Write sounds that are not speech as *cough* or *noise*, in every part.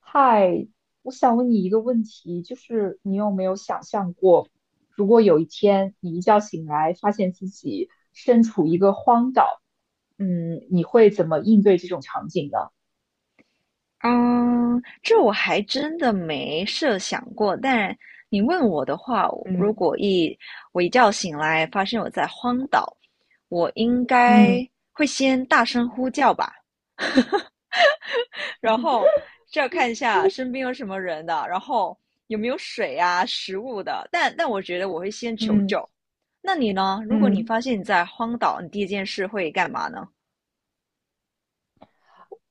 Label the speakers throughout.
Speaker 1: 嗨，我想问你一个问题，就是你有没有想象过，如果有一天你一觉醒来，发现自己身处一个荒岛，你会怎么应对这种场景呢？
Speaker 2: 嗯，这我还真的没设想过。但你问我的话，我如
Speaker 1: 嗯
Speaker 2: 果一我一觉醒来发现我在荒岛，我应
Speaker 1: 嗯
Speaker 2: 该会先大声呼叫吧，然后
Speaker 1: *laughs*
Speaker 2: 就要看一下身边有什么人的，然后有没有水啊、食物的。但我觉得我会先求
Speaker 1: 嗯
Speaker 2: 救。那你呢？如果你
Speaker 1: 嗯。
Speaker 2: 发现你在荒岛，你第一件事会干嘛呢？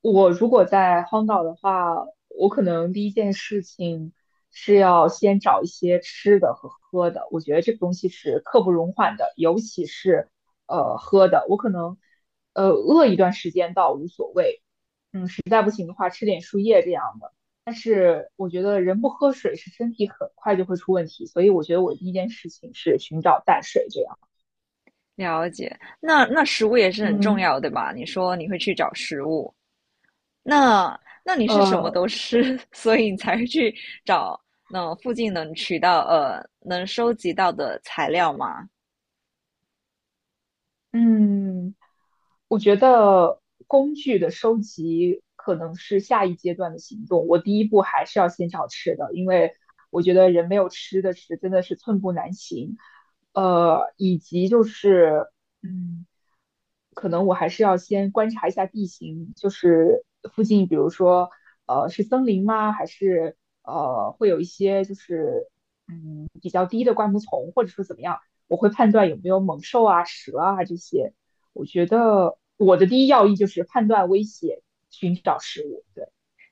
Speaker 1: 我如果在荒岛的话，我可能第一件事情是要先找一些吃的和喝的。我觉得这个东西是刻不容缓的，尤其是喝的。我可能饿一段时间倒无所谓，的话吃点树叶这样的。但是我觉得人不喝水是身体很快就会出问题，所以我觉得我第一件事情是寻找淡水这样。
Speaker 2: 了解，那食物也是很重
Speaker 1: 嗯，
Speaker 2: 要，对吧？你说你会去找食物。那那你是什么
Speaker 1: 呃，
Speaker 2: 都吃，*laughs* 所以你才会去找那附近能取到能收集到的材料吗？
Speaker 1: 嗯。我觉得工具的收集可能是下一阶段的行动。我第一步还是要先找吃的，因为我觉得人没有吃的是真的是寸步难行。以及就是，嗯，可能我还是要先观察一下地形，就是附近，比如说，是森林吗？还是会有一些就是比较低的灌木丛，或者说怎么样，我会判断有没有猛兽啊、蛇啊这些。我觉得我的第一要义就是判断危险，寻找食物。对，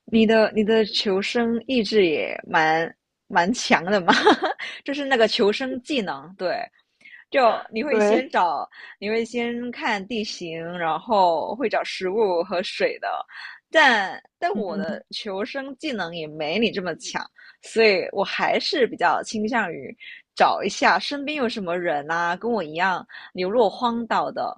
Speaker 2: 你的你的求生意志也蛮强的嘛，*laughs* 就是那个求生技能，对。就你会先
Speaker 1: 对，
Speaker 2: 找，你会先看地形，然后会找食物和水的。但我
Speaker 1: 嗯
Speaker 2: 的求生技能也没你这么强，所以我还是比较倾向于找一下身边有什么人啊，跟我一样流落荒岛的。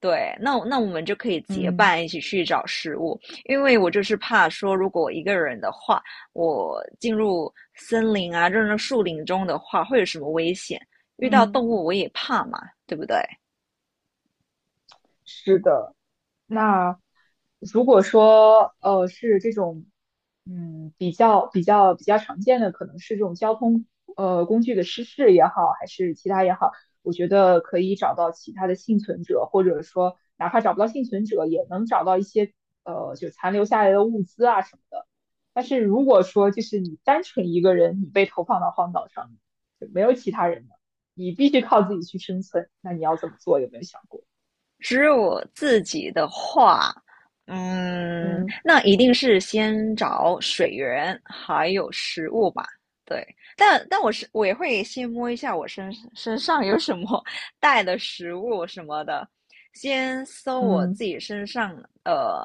Speaker 2: 对，那我们就可以结
Speaker 1: 嗯
Speaker 2: 伴一起去找食物，因为我就是怕说，如果我一个人的话，我进入森林啊，进入树林中的话，会有什么危险？遇到动
Speaker 1: 嗯，
Speaker 2: 物我也怕嘛，对不对？
Speaker 1: 是的。那如果说是这种，比较常见的，可能是这种交通工具的失事也好，还是其他也好，我觉得可以找到其他的幸存者，或者说哪怕找不到幸存者，也能找到一些就残留下来的物资啊什么的。但是如果说就是你单纯一个人，你被投放到荒岛上，就没有其他人了，你必须靠自己去生存，那你要怎么做？有没有想过？
Speaker 2: 只有我自己的话，嗯，
Speaker 1: 嗯
Speaker 2: 那一定是先找水源还有食物吧。对，但我也会先摸一下我身上有什么带的食物什么的，先搜我
Speaker 1: 嗯
Speaker 2: 自己身上呃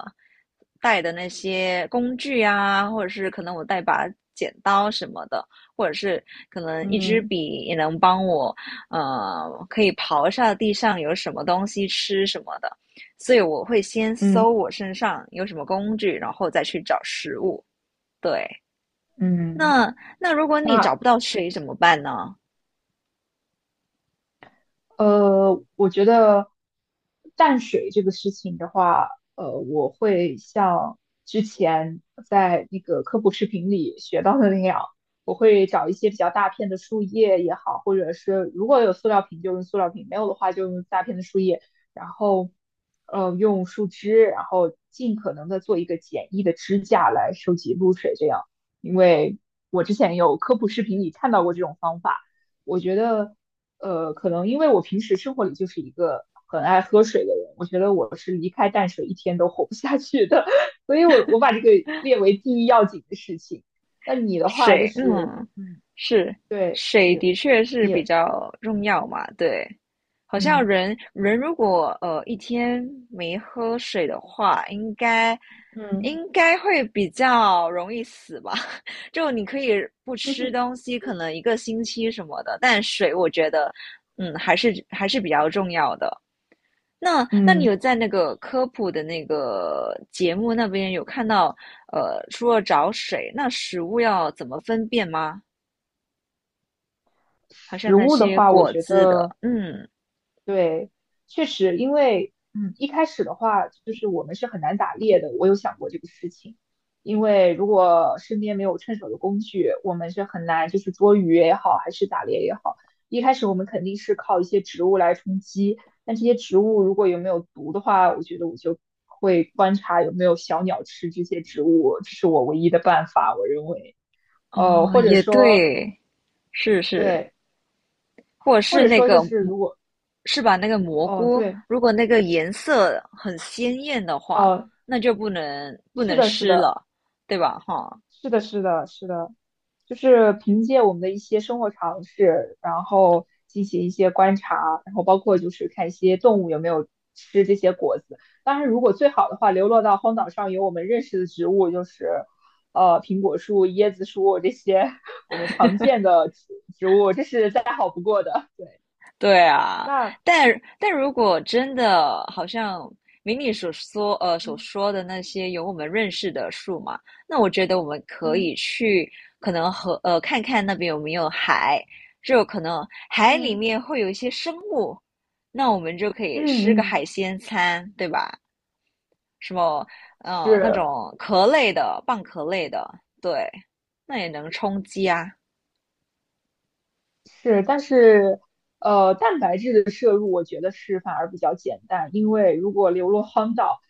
Speaker 2: 带的那些工具啊，或者是可能我带把剪刀什么的，或者是可能一支
Speaker 1: 嗯。
Speaker 2: 笔也能帮我可以刨下地上有什么东西吃什么的，所以我会先
Speaker 1: 嗯
Speaker 2: 搜我身上有什么工具，然后再去找食物。对，
Speaker 1: 嗯，
Speaker 2: 那那如果你找
Speaker 1: 那
Speaker 2: 不到水怎么办呢？
Speaker 1: 我觉得淡水这个事情的话，我会像之前在那个科普视频里学到的那样，我会找一些比较大片的树叶也好，或者是如果有塑料瓶就用塑料瓶，没有的话就用大片的树叶，然后用树枝，然后尽可能的做一个简易的支架来收集露水，这样，因为我之前有科普视频里看到过这种方法。我觉得可能因为我平时生活里就是一个很爱喝水的人，我觉得我是离开淡水一天都活不下去的，*laughs* 所以我把这个列为第一要紧的事情。那你的话就
Speaker 2: 水，
Speaker 1: 是，
Speaker 2: 嗯，是，
Speaker 1: 对。
Speaker 2: 水
Speaker 1: 你
Speaker 2: 的确是
Speaker 1: 你
Speaker 2: 比较重要嘛，对。好像
Speaker 1: 嗯
Speaker 2: 人人如果一天没喝水的话，应该
Speaker 1: 嗯
Speaker 2: 应该会比较容易死吧？*laughs* 就你可以不吃东
Speaker 1: *laughs*
Speaker 2: 西，可能一个星期什么的，但水我觉得，嗯，还是比较重要的。那你
Speaker 1: 嗯，
Speaker 2: 有在那个科普的那个节目那边有看到，呃，除了找水，那食物要怎么分辨吗？好像
Speaker 1: 食
Speaker 2: 那
Speaker 1: 物的
Speaker 2: 些
Speaker 1: 话，我
Speaker 2: 果
Speaker 1: 觉
Speaker 2: 汁
Speaker 1: 得。
Speaker 2: 的，嗯，
Speaker 1: 对，确实，因为一开始的话，就是我们是很难打猎的。我有想过这个事情，因为如果身边没有趁手的工具，我们是很难就是捉鱼也好，还是打猎也好。一开始我们肯定是靠一些植物来充饥，但这些植物如果有没有毒的话，我觉得我就会观察有没有小鸟吃这些植物，这是我唯一的办法，我认为。
Speaker 2: 哦，
Speaker 1: 或者
Speaker 2: 也
Speaker 1: 说，
Speaker 2: 对，是是，
Speaker 1: 对，
Speaker 2: 或者
Speaker 1: 或
Speaker 2: 是
Speaker 1: 者
Speaker 2: 那
Speaker 1: 说就
Speaker 2: 个，
Speaker 1: 是如果，
Speaker 2: 是吧？那个蘑
Speaker 1: 哦，
Speaker 2: 菇，
Speaker 1: 对，
Speaker 2: 如果那个颜色很鲜艳的话，
Speaker 1: 哦，
Speaker 2: 那就不能不
Speaker 1: 是
Speaker 2: 能
Speaker 1: 的，是
Speaker 2: 吃
Speaker 1: 的。
Speaker 2: 了，对吧？哈，
Speaker 1: 是的，是的，是的，就是凭借我们的一些生活常识，然后进行一些观察，然后包括就是看一些动物有没有吃这些果子。当然，如果最好的话，流落到荒岛上有我们认识的植物，就是苹果树、椰子树这些 *laughs* 我们常见的植物，这是再好不过的。对，
Speaker 2: 对啊，
Speaker 1: 那
Speaker 2: 但但如果真的好像明你所说所
Speaker 1: 嗯
Speaker 2: 说的那些有我们认识的树嘛，那我觉得我们可
Speaker 1: 嗯
Speaker 2: 以去可能和看看那边有没有海，就可能海里
Speaker 1: 嗯
Speaker 2: 面会有一些生物，那我们就可以吃
Speaker 1: 嗯
Speaker 2: 个海
Speaker 1: 嗯，
Speaker 2: 鲜餐，对吧？什么嗯那
Speaker 1: 是。
Speaker 2: 种壳类的、蚌壳类的，对，那也能充饥啊。
Speaker 1: 是，但是蛋白质的摄入我觉得是反而比较简单，因为如果流落荒岛，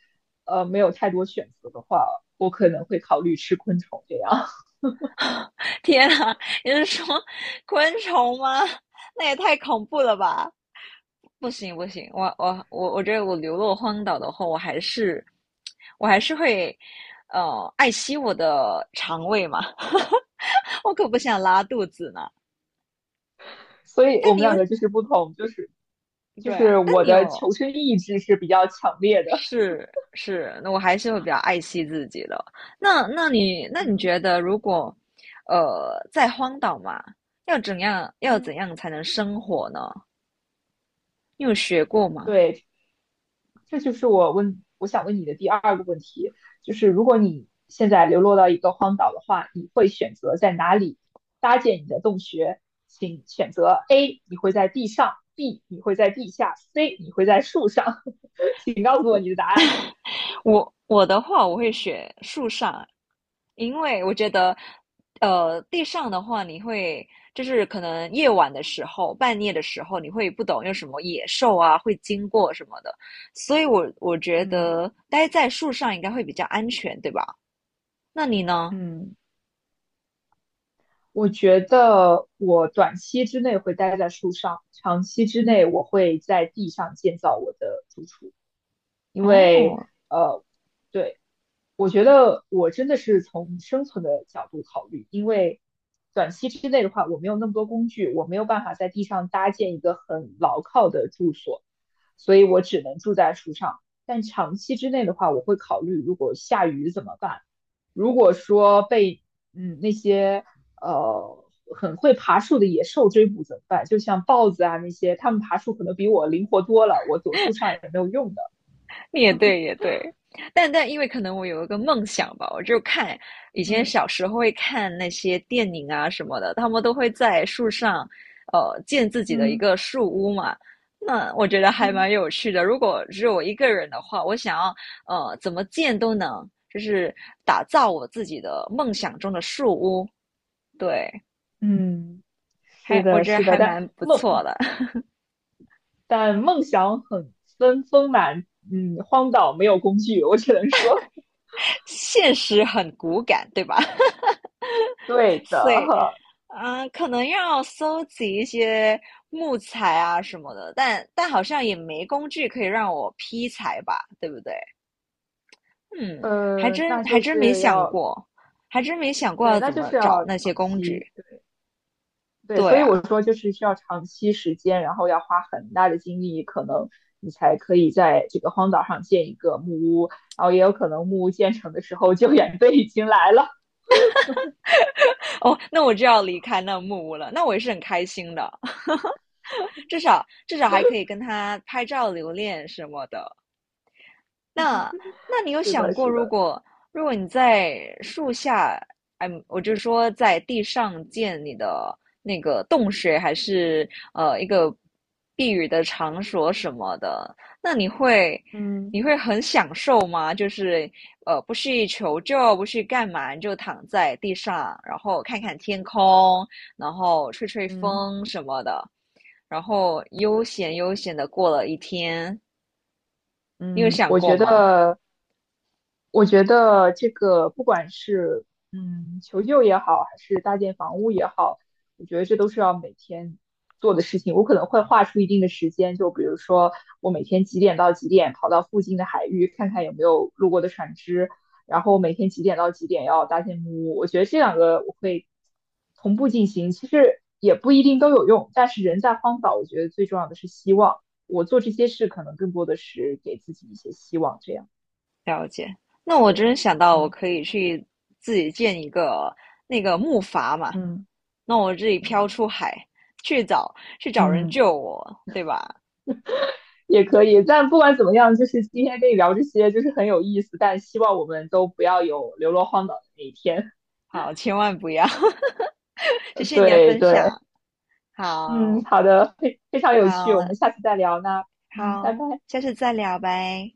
Speaker 1: 没有太多选择的话，我可能会考虑吃昆虫这样。
Speaker 2: 天啊，你是说 *laughs* 昆虫吗？那也太恐怖了吧！不行不行，我觉得我流落荒岛的话，我还是会爱惜我的肠胃嘛，*laughs* 我可不想拉肚子呢。
Speaker 1: *laughs* 所以我
Speaker 2: 但你
Speaker 1: 们
Speaker 2: 又
Speaker 1: 两个就是不同，就是就
Speaker 2: 对啊，
Speaker 1: 是
Speaker 2: 但
Speaker 1: 我
Speaker 2: 你
Speaker 1: 的
Speaker 2: 又
Speaker 1: 求生意志是比较强烈的，
Speaker 2: 是是，那我还是会比较爱惜自己的。那那你
Speaker 1: *laughs*
Speaker 2: 那你
Speaker 1: 嗯。
Speaker 2: 觉得，如果在荒岛嘛，要怎样要怎
Speaker 1: 嗯，
Speaker 2: 样才能生活呢？你有学过吗？
Speaker 1: 对。这就是我想问你的第二个问题，就是如果你现在流落到一个荒岛的话，你会选择在哪里搭建你的洞穴？请选择 A，你会在地上；B，你会在地下；C，你会在树上。*laughs* 请告诉我你的答案。
Speaker 2: 我的话，我会学树上，因为我觉得，呃，地上的话，你会就是可能夜晚的时候、半夜的时候，你会不懂有什么野兽啊会经过什么的，所以我觉
Speaker 1: 嗯
Speaker 2: 得待在树上应该会比较安全，对吧？那你呢？
Speaker 1: 嗯，我觉得我短期之内会待在树上，长期之内我会在地上建造我的住处，因为
Speaker 2: 哦，
Speaker 1: 呃，对，我觉得我真的是从生存的角度考虑，因为短期之内的话，我没有那么多工具，我没有办法在地上搭建一个很牢靠的住所，所以我只能住在树上。但长期之内的话，我会考虑如果下雨怎么办。如果说被那些呃很会爬树的野兽追捕怎么办？就像豹子啊那些，它们爬树可能比我灵活多了，我躲树上也没有用的。
Speaker 2: 也对，也对，但但因为可能我有一个梦想吧，我就看以前
Speaker 1: 嗯
Speaker 2: 小时候会看那些电影啊什么的，他们都会在树上，呃，建自己的一
Speaker 1: 嗯
Speaker 2: 个树屋嘛。那我觉得还
Speaker 1: 嗯，
Speaker 2: 蛮有趣的。如果只有我一个人的话，我想要怎么建都能，就是打造我自己的梦想中的树屋。对，
Speaker 1: 嗯。是
Speaker 2: 还我
Speaker 1: 的，
Speaker 2: 觉得
Speaker 1: 是的，
Speaker 2: 还蛮不
Speaker 1: 梦
Speaker 2: 错的，
Speaker 1: 但梦想很丰满，荒岛没有工具，我只能说，
Speaker 2: *laughs* 现实很骨感，对吧？
Speaker 1: *laughs* 对
Speaker 2: 所以，
Speaker 1: 的，
Speaker 2: 嗯，可能要搜集一些木材啊什么的，但但好像也没工具可以让我劈柴吧，对不对？嗯，还真
Speaker 1: 那
Speaker 2: 还
Speaker 1: 就
Speaker 2: 真没
Speaker 1: 是
Speaker 2: 想
Speaker 1: 要
Speaker 2: 过，还真没想过
Speaker 1: 对，
Speaker 2: 要
Speaker 1: 那
Speaker 2: 怎
Speaker 1: 就
Speaker 2: 么
Speaker 1: 是
Speaker 2: 找
Speaker 1: 要
Speaker 2: 那些
Speaker 1: 长
Speaker 2: 工
Speaker 1: 期，
Speaker 2: 具。
Speaker 1: 对对，
Speaker 2: 对
Speaker 1: 所以
Speaker 2: 啊，
Speaker 1: 我说就是需要长期时间，然后要花很大的精力，可能你才可以在这个荒岛上建一个木屋，然后也有可能木屋建成的时候救援队已经来了。
Speaker 2: 哦，那我就要离开那木屋了，那我也是很开心的，*laughs* 至少还可以跟他拍照留念什么的。那那
Speaker 1: *laughs*
Speaker 2: 你有
Speaker 1: 是
Speaker 2: 想
Speaker 1: 的，
Speaker 2: 过，
Speaker 1: 是
Speaker 2: 如
Speaker 1: 的，
Speaker 2: 果如果你在树下，嗯，我就说在地上建你的那个洞穴，还是一个避雨的场所什么的，那你会
Speaker 1: 嗯
Speaker 2: 你会很享受吗？就是呃，不去求救，不去干嘛，你就躺在地上，然后看看天空，然后吹吹
Speaker 1: 嗯
Speaker 2: 风什么的，然后悠闲的过了一天，你有
Speaker 1: 嗯，
Speaker 2: 想过吗？
Speaker 1: 我觉得这个不管是求救也好，还是搭建房屋也好，我觉得这都是要每天做的事情。我可能会划出一定的时间，就比如说我每天几点到几点跑到附近的海域看看有没有路过的船只，然后每天几点到几点要搭建木屋。我觉得这两个我会同步进行，其实也不一定都有用，但是人在荒岛，我觉得最重要的是希望。我做这些事可能更多的是给自己一些希望，这样
Speaker 2: 了解，那我
Speaker 1: 对。
Speaker 2: 真想到我
Speaker 1: 嗯。
Speaker 2: 可以去自己建一个那个木筏嘛，
Speaker 1: 嗯
Speaker 2: 那我自己飘
Speaker 1: 嗯
Speaker 2: 出海去找去找人
Speaker 1: 嗯，
Speaker 2: 救我，对吧？
Speaker 1: 也可以。但不管怎么样，就是今天跟你聊这些，就是很有意思。但希望我们都不要有流落荒岛的那一天。
Speaker 2: 好，千万不要，*laughs* 谢
Speaker 1: *laughs*
Speaker 2: 谢你的
Speaker 1: 对
Speaker 2: 分
Speaker 1: 对，
Speaker 2: 享，
Speaker 1: 嗯，
Speaker 2: 好
Speaker 1: 好的，非常有趣，我
Speaker 2: 好
Speaker 1: 们下次再聊。那拜
Speaker 2: 好，
Speaker 1: 拜。
Speaker 2: 下次再聊呗。